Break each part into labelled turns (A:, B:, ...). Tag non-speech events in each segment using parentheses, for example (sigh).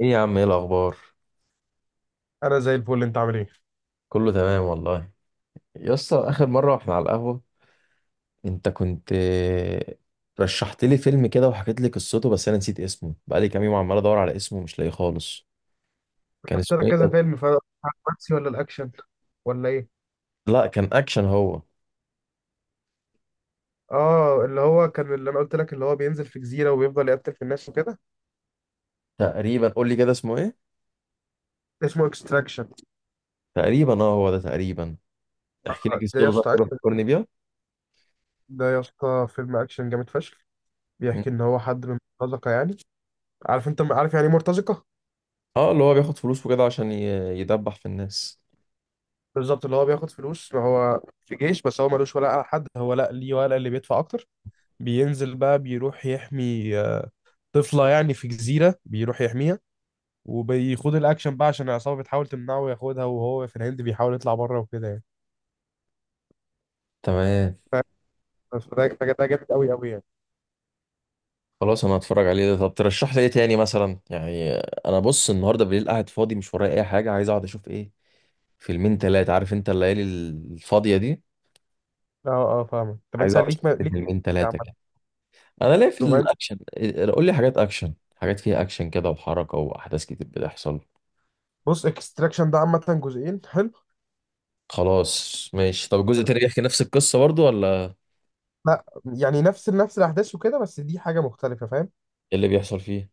A: ايه يا عم، ايه الاخبار؟
B: انا زي الفل، انت عامل ايه؟
A: كله تمام والله. يا اسطى، اخر مره واحنا على القهوه انت كنت رشحت لي فيلم كده وحكيت لي قصته، بس انا نسيت اسمه. بقالي كام يوم عمال ادور على اسمه مش لاقيه خالص. كان
B: شفت
A: اسمه
B: لك
A: ايه
B: كذا
A: ده؟
B: فيلم، فالرومانسي ولا الاكشن ولا ايه؟
A: لا كان اكشن هو.
B: اه، اللي هو كان اللي انا قلت لك، اللي هو بينزل في جزيره وبيفضل يقتل في الناس وكده.
A: تقريبا قول لي كده اسمه ايه.
B: اسمه اكستراكشن.
A: تقريبا اه، هو ده تقريبا. احكي لي
B: ده
A: قصته
B: يا
A: ده،
B: اسطى
A: كده
B: اكشن.
A: فكرني بيها.
B: ده يا اسطى فيلم اكشن جامد فشخ.
A: مم.
B: بيحكي ان هو حد من مرتزقه يعني. انت عارف يعني ايه مرتزقه.
A: اه اللي هو بياخد فلوس وكده عشان يدبح في الناس.
B: بالظبط، اللي هو بياخد فلوس، ما هو في جيش بس هو ملوش ولا على حد، هو لا ليه ولا اللي بيدفع اكتر. بينزل بقى بيروح يحمي طفله يعني في جزيره، بيروح يحميها، وبيخوض الاكشن بقى عشان العصابه بتحاول تمنعه وياخدها، وهو في الهند بيحاول يطلع بره وكده يعني.
A: تمام.
B: ف- ده جامد قوي قوي يعني.
A: خلاص انا هتفرج عليه ده. طب ترشح لي ايه تاني مثلا يعني. انا بص، النهارده بالليل قاعد فاضي، مش ورايا اي حاجه، عايز اقعد اشوف ايه. فيلمين تلاتة، عارف انت الليالي الفاضيه دي.
B: اه اه، فاهمك. طب
A: عايز
B: انت
A: اقعد
B: ليك
A: اشوف
B: ما...
A: لي
B: ليك.
A: فيلمين تلاتة كده.
B: عامة.
A: انا ليا في
B: رومانسي.
A: الاكشن قول لي حاجات اكشن، حاجات فيها اكشن كده وحركه واحداث كتير بتحصل.
B: بص، اكستراكشن ده عامة جزئين حلو.
A: خلاص ماشي. طب الجزء التاني بيحكي نفس القصه برضو ولا؟
B: لا، يعني نفس نفس الاحداث وكده، بس دي حاجة مختلفة فاهم.
A: إيه اللي بيحصل فيه؟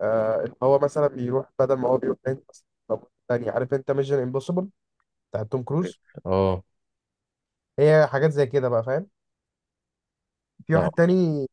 B: آه، اللي هو مثلا بيروح، بدل ما هو بيروح هند مثلا، طب تاني عارف انت ميشن امبوسيبل بتاع توم كروز،
A: اه.
B: هي حاجات زي كده بقى فاهم. في
A: لا
B: واحد تاني.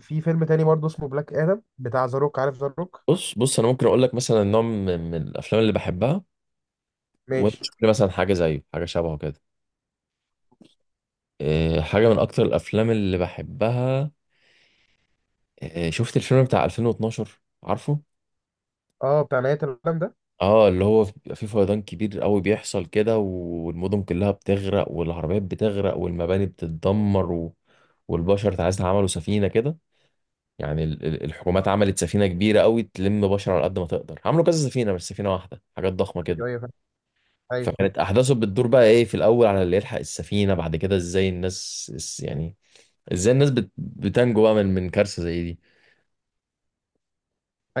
B: في فيلم تاني برضه اسمه بلاك ادم بتاع ذا روك، عارف ذا روك؟
A: بص بص، انا ممكن اقول لك مثلا نوع من الافلام اللي بحبها، وانت
B: ماشي.
A: شوف لي مثلا حاجه زيه، حاجه شبهه كده. حاجة من أكتر الأفلام اللي بحبها. شفت الفيلم بتاع 2012؟ عارفه؟
B: اه، بتاع نهاية العالم ده.
A: اه اللي هو بيبقى فيه فيضان كبير قوي بيحصل كده، والمدن كلها بتغرق والعربيات بتغرق والمباني بتتدمر والبشر تعالى عملوا سفينة كده. يعني الحكومات عملت سفينة كبيرة قوي تلم بشر على قد ما تقدر. عملوا كذا سفينة، مش سفينة واحدة، حاجات ضخمة كده.
B: ايوه ايوه، فاهم. ايوه.
A: فكانت أحداثه بتدور بقى إيه في الأول على اللي يلحق السفينة. بعد كده إزاي الناس يعني إزاي الناس بتنجو بقى من كارثة زي دي.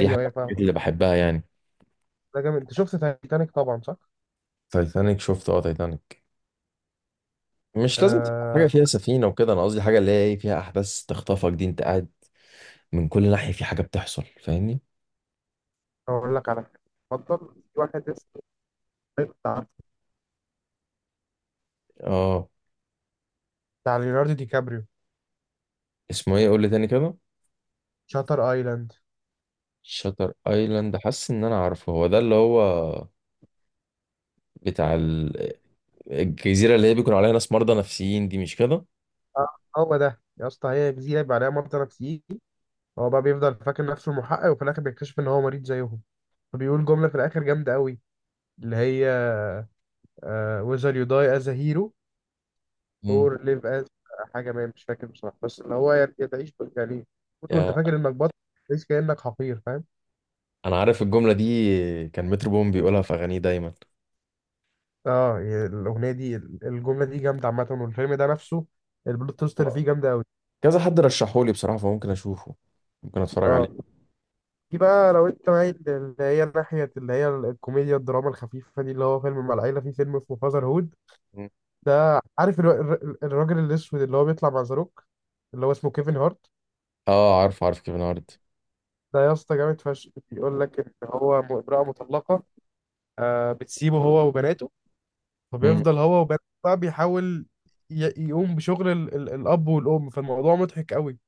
A: دي حاجة من
B: ايوه، فاهم.
A: الحاجات اللي بحبها يعني.
B: ده جامد. انت شفت تايتانيك طبعا، صح؟
A: تايتانيك شفت، اه تايتانيك. مش لازم تبقى حاجة
B: آه.
A: فيها سفينة وكده، أنا قصدي حاجة اللي هي إيه فيها أحداث تخطفك. دي أنت قاعد من كل ناحية في حاجة بتحصل، فاهمني.
B: اقول لك على حاجة. اتفضل. في واحد اسمه، بتاع
A: اه.
B: بتاع ليوناردو دي كابريو.
A: اسمه إيه؟ قول لي تاني كده.
B: شاتر ايلاند.
A: شاتر ايلاند. حاسس ان انا عارفه، هو ده اللي هو بتاع الجزيره اللي هي بيكون عليها ناس مرضى نفسيين دي، مش كده؟
B: اه، هو ده يا اسطى، هي جزيرة يبقى عليها ممطر نفسيكي. هو بقى بيفضل فاكر نفسه المحقق، وفي الاخر بيكتشف ان هو مريض زيهم. فبيقول جملة في الاخر جامدة قوي، اللي هي، whether you die as a hero
A: مم.
B: or live as، حاجة ما مش فاكر بصراحة، بس اللي هو يعني تعيش يعني، كنت وانت
A: يا-
B: فاكر انك بطل، تعيش كأنك حقير فاهم.
A: انا عارف الجمله دي. كان مترو بوم بيقولها في اغانيه دايما.
B: اه، الاغنيه دي، الجمله دي جامده عامه، والفيلم ده نفسه البلوت تويست اللي فيه جامده قوي.
A: كذا حد رشحولي بصراحه، فممكن اشوفه، ممكن اتفرج
B: اه.
A: عليه.
B: دي بقى لو انت معايا اللي هي ناحيه، اللي هي الكوميديا الدراما الخفيفه دي، اللي هو فيلم مع العيله، في فيلم اسمه فازر هود.
A: مم.
B: ده عارف الراجل الاسود اللي هو بيطلع مع زاروك، اللي هو اسمه كيفن هارت.
A: اه عارف عارف كيفن هارت.
B: ده يا اسطى جامد فشخ. بيقول لك ان هو امراه مطلقه، بتسيبه هو وبناته،
A: مم.
B: فبيفضل هو وبناته بقى بيحاول يقوم بشغل الاب والام، فالموضوع مضحك قوي.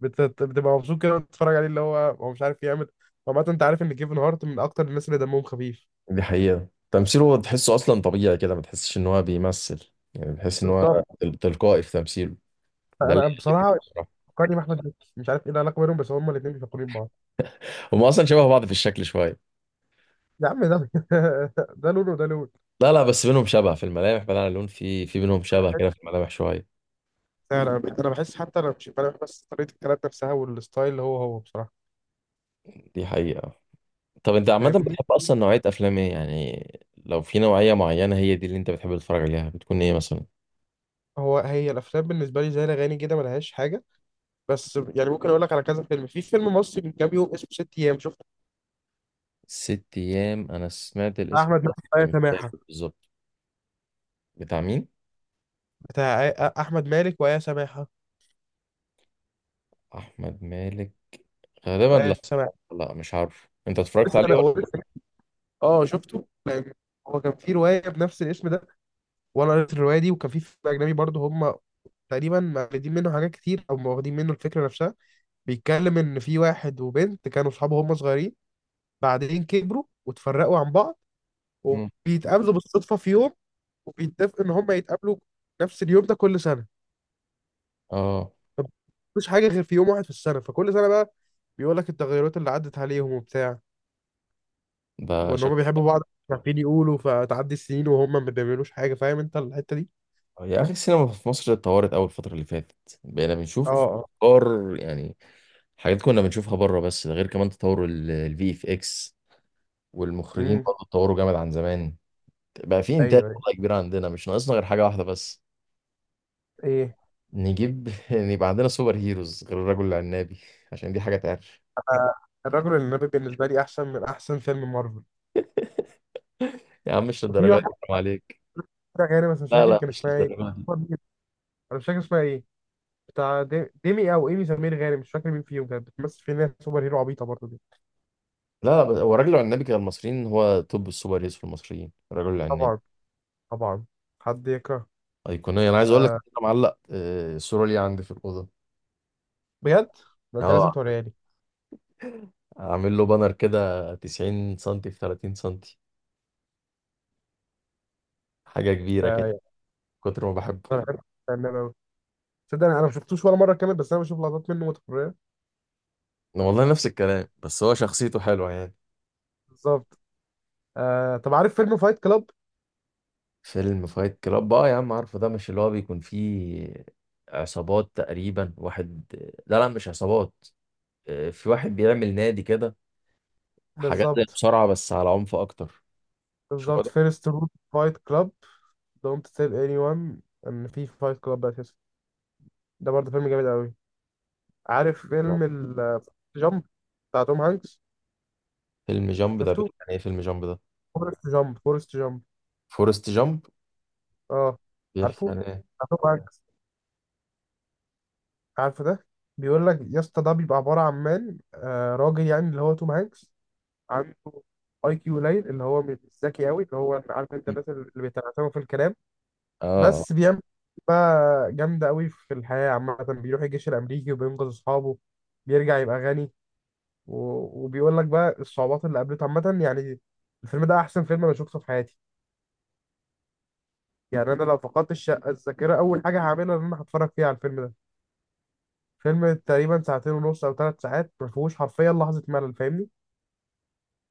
B: بتبقى مبسوط كده وانت بتتفرج عليه، اللي هو مش عارف يعمل. عامة انت عارف ان كيفن هارت من اكتر الناس اللي دمهم خفيف.
A: دي حقيقة، تمثيله تحسه أصلا طبيعي كده، ما تحسش إن هو بيمثل، يعني بتحس إن هو
B: بالظبط.
A: تلقائي في تمثيله. ده اللي
B: انا
A: يعجبني
B: بصراحة
A: بصراحة.
B: فكرني باحمد مكي، مش عارف ايه العلاقة بينهم بس هما الاثنين بيفكرين ببعض.
A: هما أصلا شبه بعض في الشكل شوية.
B: يا عم ده (laughs) ده لون وده لون.
A: لا لا بس بينهم شبه في الملامح، بعيد عن اللون، في بينهم شبه كده في الملامح شوية.
B: فعلا، انا بحس، حتى انا مش انا، بس طريقة الكلام نفسها والستايل اللي هو بصراحة
A: دي حقيقة. طب أنت عامة
B: فاهمني.
A: بتحب أصلا نوعية أفلام إيه يعني؟ لو في نوعية معينة هي دي اللي أنت بتحب تتفرج عليها، بتكون إيه مثلا؟
B: هي الافلام بالنسبة لي زي الاغاني كده، ملهاش حاجة. بس يعني ممكن اقول لك على كذا فيلم. في فيلم مصري من كام يوم اسمه ست ايام، شفته؟
A: ست أيام أنا سمعت
B: بتاع
A: الاسم،
B: احمد مالك
A: بس
B: وآية
A: مش
B: سماحة.
A: فاكر بالظبط. بتاع مين؟
B: بتاع احمد مالك وآية سماحة،
A: أحمد مالك، غالبا
B: وآية
A: لا.
B: سماحة.
A: لا مش عارف، أنت اتفرجت
B: لسه انا،
A: عليه؟
B: هو لسه. اه، شفته، هو كان في روايه بنفس الاسم ده، وانا قريت الروايه دي، وكان في فيلم اجنبي برضه هم تقريبا مقلدين منه حاجات كتير، او واخدين منه الفكره نفسها. بيتكلم ان في واحد وبنت كانوا اصحاب هم صغيرين، بعدين كبروا وتفرقوا عن بعض،
A: مم.
B: وبيتقابلوا بالصدفه في يوم، وبيتفقوا ان هم يتقابلوا نفس اليوم ده كل سنه.
A: اه.
B: مفيش حاجه غير في يوم واحد في السنه، فكل سنه بقى بيقول لك التغيرات اللي عدت عليهم وبتاع،
A: ده
B: وان هما
A: شكله.
B: بيحبوا بعض مش عارفين يقولوا، فتعدي السنين وهما ما بيعملوش حاجه، فاهم انت الحته دي.
A: يا اخي السينما في مصر اتطورت قوي الفتره اللي فاتت، بقينا
B: اه
A: بنشوف
B: اه.
A: افكار يعني، حاجات كنا بنشوفها بره. بس ده غير كمان تطور الفي اف اكس، والمخرجين
B: امم.
A: برضه اتطوروا جامد عن زمان. بقى في انتاج
B: ايوه ايوه.
A: والله كبير عندنا، مش ناقصنا غير حاجه واحده بس.
B: ايه.
A: نجيب (laughs) يبقى عندنا سوبر هيروز غير الرجل العنابي (laughs) عشان دي حاجه تعرف.
B: أنا، الرجل النبي بالنسبه لي احسن من احسن فيلم مارفل.
A: يا عم مش
B: وفي
A: للدرجه دي،
B: واحد
A: حرام عليك.
B: كده غيري بس مش
A: لا
B: فاكر
A: لا
B: كان
A: مش
B: اسمها ايه.
A: للدرجه دي.
B: انا مش فاكر اسمها ايه. بتاع ديمي او ايمي سمير غانم، مش فاكر مين فيهم كانت بتمثل في ناس سوبر هيرو عبيطه برضه دي.
A: لا لا بس هو الرجل العنابي كان المصريين، هو توب السوبر هيروز في المصريين الرجل العنابي.
B: طبعا. طبعا. حد يكره.
A: ايقونيه. انا عايز اقول لك
B: آه.
A: إن انا معلق الصوره لي عندي في الاوضه.
B: بجد. ده انت لازم
A: اه
B: توريها لي.
A: عامل له بانر كده، 90 سنتي في 30 سنتي، حاجه كبيره كده،
B: آه،
A: كتر ما بحبه.
B: انا بحب النبي أوي. تصدق انا ما شفتوش ولا مره كامل، بس انا بشوف لقطات منه متكرره.
A: أنا والله نفس الكلام، بس هو شخصيته حلوه يعني.
B: بالظبط. آه، طب عارف فيلم فايت كلاب؟
A: فيلم فايت كلاب بقى يا عم، عارفه ده مش اللي هو بيكون فيه عصابات تقريبا، واحد لا لا مش عصابات، في واحد بيعمل نادي كده، حاجات زي
B: بالظبط.
A: مصارعه بس على عنف اكتر. شو
B: بالظبط.
A: ده.
B: فيرست رول فايت كلاب، دونت تيل اني وان، ان في فايت كلاب اساسا. ده برضه فيلم جامد قوي. عارف فيلم ال جامب بتاع توم هانكس؟
A: فيلم جامب ده
B: شفته؟
A: بيحكي عن ايه؟ فيلم جامب ده.
B: فورست جامب، فورست جامب.
A: فورست جامب.
B: اه.
A: بيحكي
B: عارفه؟
A: عن ايه؟
B: بتاع توم هانكس. عارفه ده. بيقول لك يا اسطى، ده بيبقى عباره عن مان، راجل يعني، اللي هو توم هانكس عنده IQ قليل، اللي هو مش ذكي قوي، اللي هو عارف انت الناس اللي بيتعتموا في الكلام.
A: اه
B: بس بيعمل بقى جامدة قوي في الحياة، عامة بيروح الجيش الأمريكي وبينقذ أصحابه، بيرجع يبقى غني. و... وبيقول لك بقى الصعوبات اللي قابلته عامة يعني. الفيلم ده أحسن فيلم أنا شفته في حياتي. يعني أنا لو فقدت الشقة الذاكرة، أول حاجة هعملها إن أنا هتفرج فيها على الفيلم ده. فيلم تقريبا ساعتين ونص أو 3 ساعات، ما فيهوش حرفيا لحظة ملل، فاهمني؟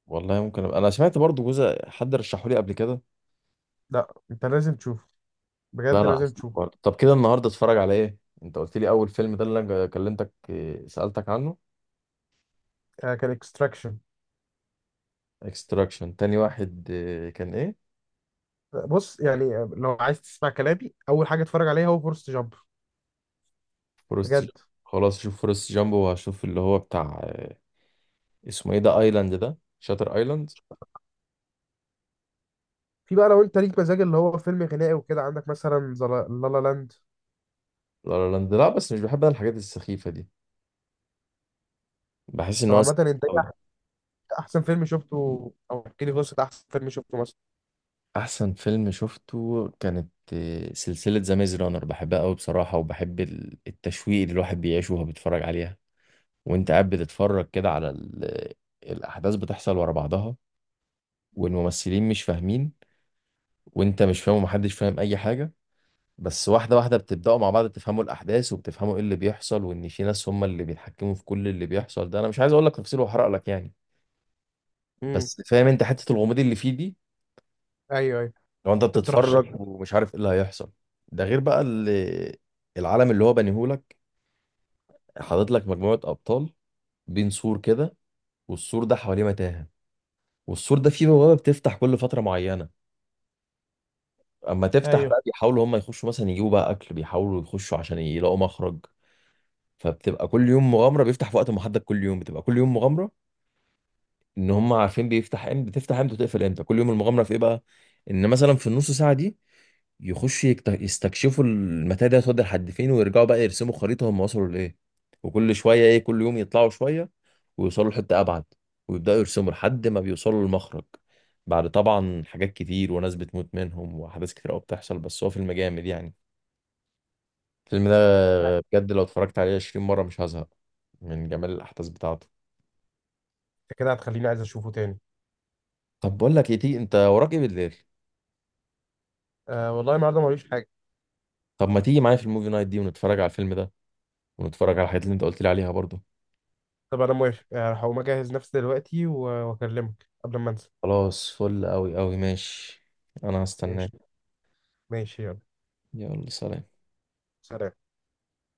A: والله ممكن أبقى. انا سمعت برضو جزء، حد رشحه لي قبل كده.
B: لا، أنت لازم تشوفه،
A: لا.
B: بجد
A: مم. لا
B: لازم
A: هسمع
B: تشوفه.
A: برضه. طب كده النهارده اتفرج على ايه؟ انت قلت لي اول فيلم ده اللي انا كلمتك سألتك عنه.
B: آه، كان اكستراكشن.
A: اكستراكشن. تاني واحد كان ايه؟
B: بص، يعني آه، لو عايز تسمع كلامي، أول حاجة اتفرج عليها هو فورست جامب.
A: فورست جامب.
B: بجد.
A: خلاص شوف فورست جامب. وهشوف اللي هو بتاع اسمه ايه ده، ايلاند ده شاتر ايلاند.
B: في بقى لو انت ليك مزاج اللي هو فيلم غنائي وكده، عندك مثلا لا لا لاند.
A: لا لا لاند، لا بس مش بحب انا الحاجات السخيفة دي. بحس ان
B: طب
A: هو
B: عامة انت،
A: سخيف
B: ايه
A: قوي.
B: احسن فيلم شفته؟ او احكي لي قصة احسن فيلم شفته مثلا.
A: احسن فيلم شفته كانت سلسلة ذا ميز رانر، بحبها قوي بصراحة. وبحب التشويق اللي الواحد بيعيشه وهو بيتفرج عليها. وانت قاعد بتتفرج كده على الاحداث بتحصل ورا بعضها، والممثلين مش فاهمين وانت مش فاهم ومحدش فاهم اي حاجه. بس واحده واحده بتبداوا مع بعض تفهموا الاحداث، وبتفهموا ايه اللي بيحصل، وان في ناس هم اللي بيتحكموا في كل اللي بيحصل ده. انا مش عايز اقول لك تفاصيل واحرق لك يعني.
B: امم.
A: بس فاهم انت حته الغموض اللي فيه دي،
B: ايوه ايوه.
A: لو انت
B: انت بترشح.
A: بتتفرج ومش عارف ايه اللي هيحصل. ده غير بقى اللي العالم اللي هو بنيهولك، حاطط لك مجموعه ابطال بين سور كده، والسور ده حواليه متاهه، والسور ده فيه بوابه بتفتح كل فتره معينه. اما تفتح
B: ايوه.
A: بقى بيحاولوا هم يخشوا مثلا يجيبوا بقى اكل، بيحاولوا يخشوا عشان يلاقوا مخرج. فبتبقى كل يوم مغامره، بيفتح في وقت محدد كل يوم، بتبقى كل يوم مغامره. ان هم عارفين بيفتح امتى، بتفتح امتى وتقفل امتى، كل يوم المغامره في ايه بقى. ان مثلا في النص ساعه دي يخش يستكشفوا المتاهه دي هتودي لحد فين، ويرجعوا بقى يرسموا خريطه هم وصلوا لايه. وكل شويه ايه، كل يوم يطلعوا شويه ويوصلوا لحته ابعد، ويبداوا يرسموا لحد ما بيوصلوا للمخرج. بعد طبعا حاجات كتير وناس بتموت منهم واحداث كتير قوي بتحصل. بس هو فيلم جامد يعني، الفيلم ده.
B: آه،
A: بجد لو اتفرجت عليه 20 مرة مش هزهق من جمال الأحداث بتاعته.
B: انت كده هتخليني عايز اشوفه تاني.
A: طب بقول لك ايه، تيجي انت وراك ايه بالليل؟
B: آه والله، النهارده ماليش حاجة.
A: طب ما تيجي معايا في الموفي نايت دي ونتفرج على الفيلم ده، ونتفرج على الحاجات اللي انت قلت لي عليها برضو.
B: طب انا موافق، آه، هقوم اجهز نفسي دلوقتي واكلمك قبل ما انسى.
A: خلاص فل قوي قوي ماشي. انا
B: ماشي.
A: هستناك.
B: ماشي يلا.
A: يلا سلام.
B: سلام.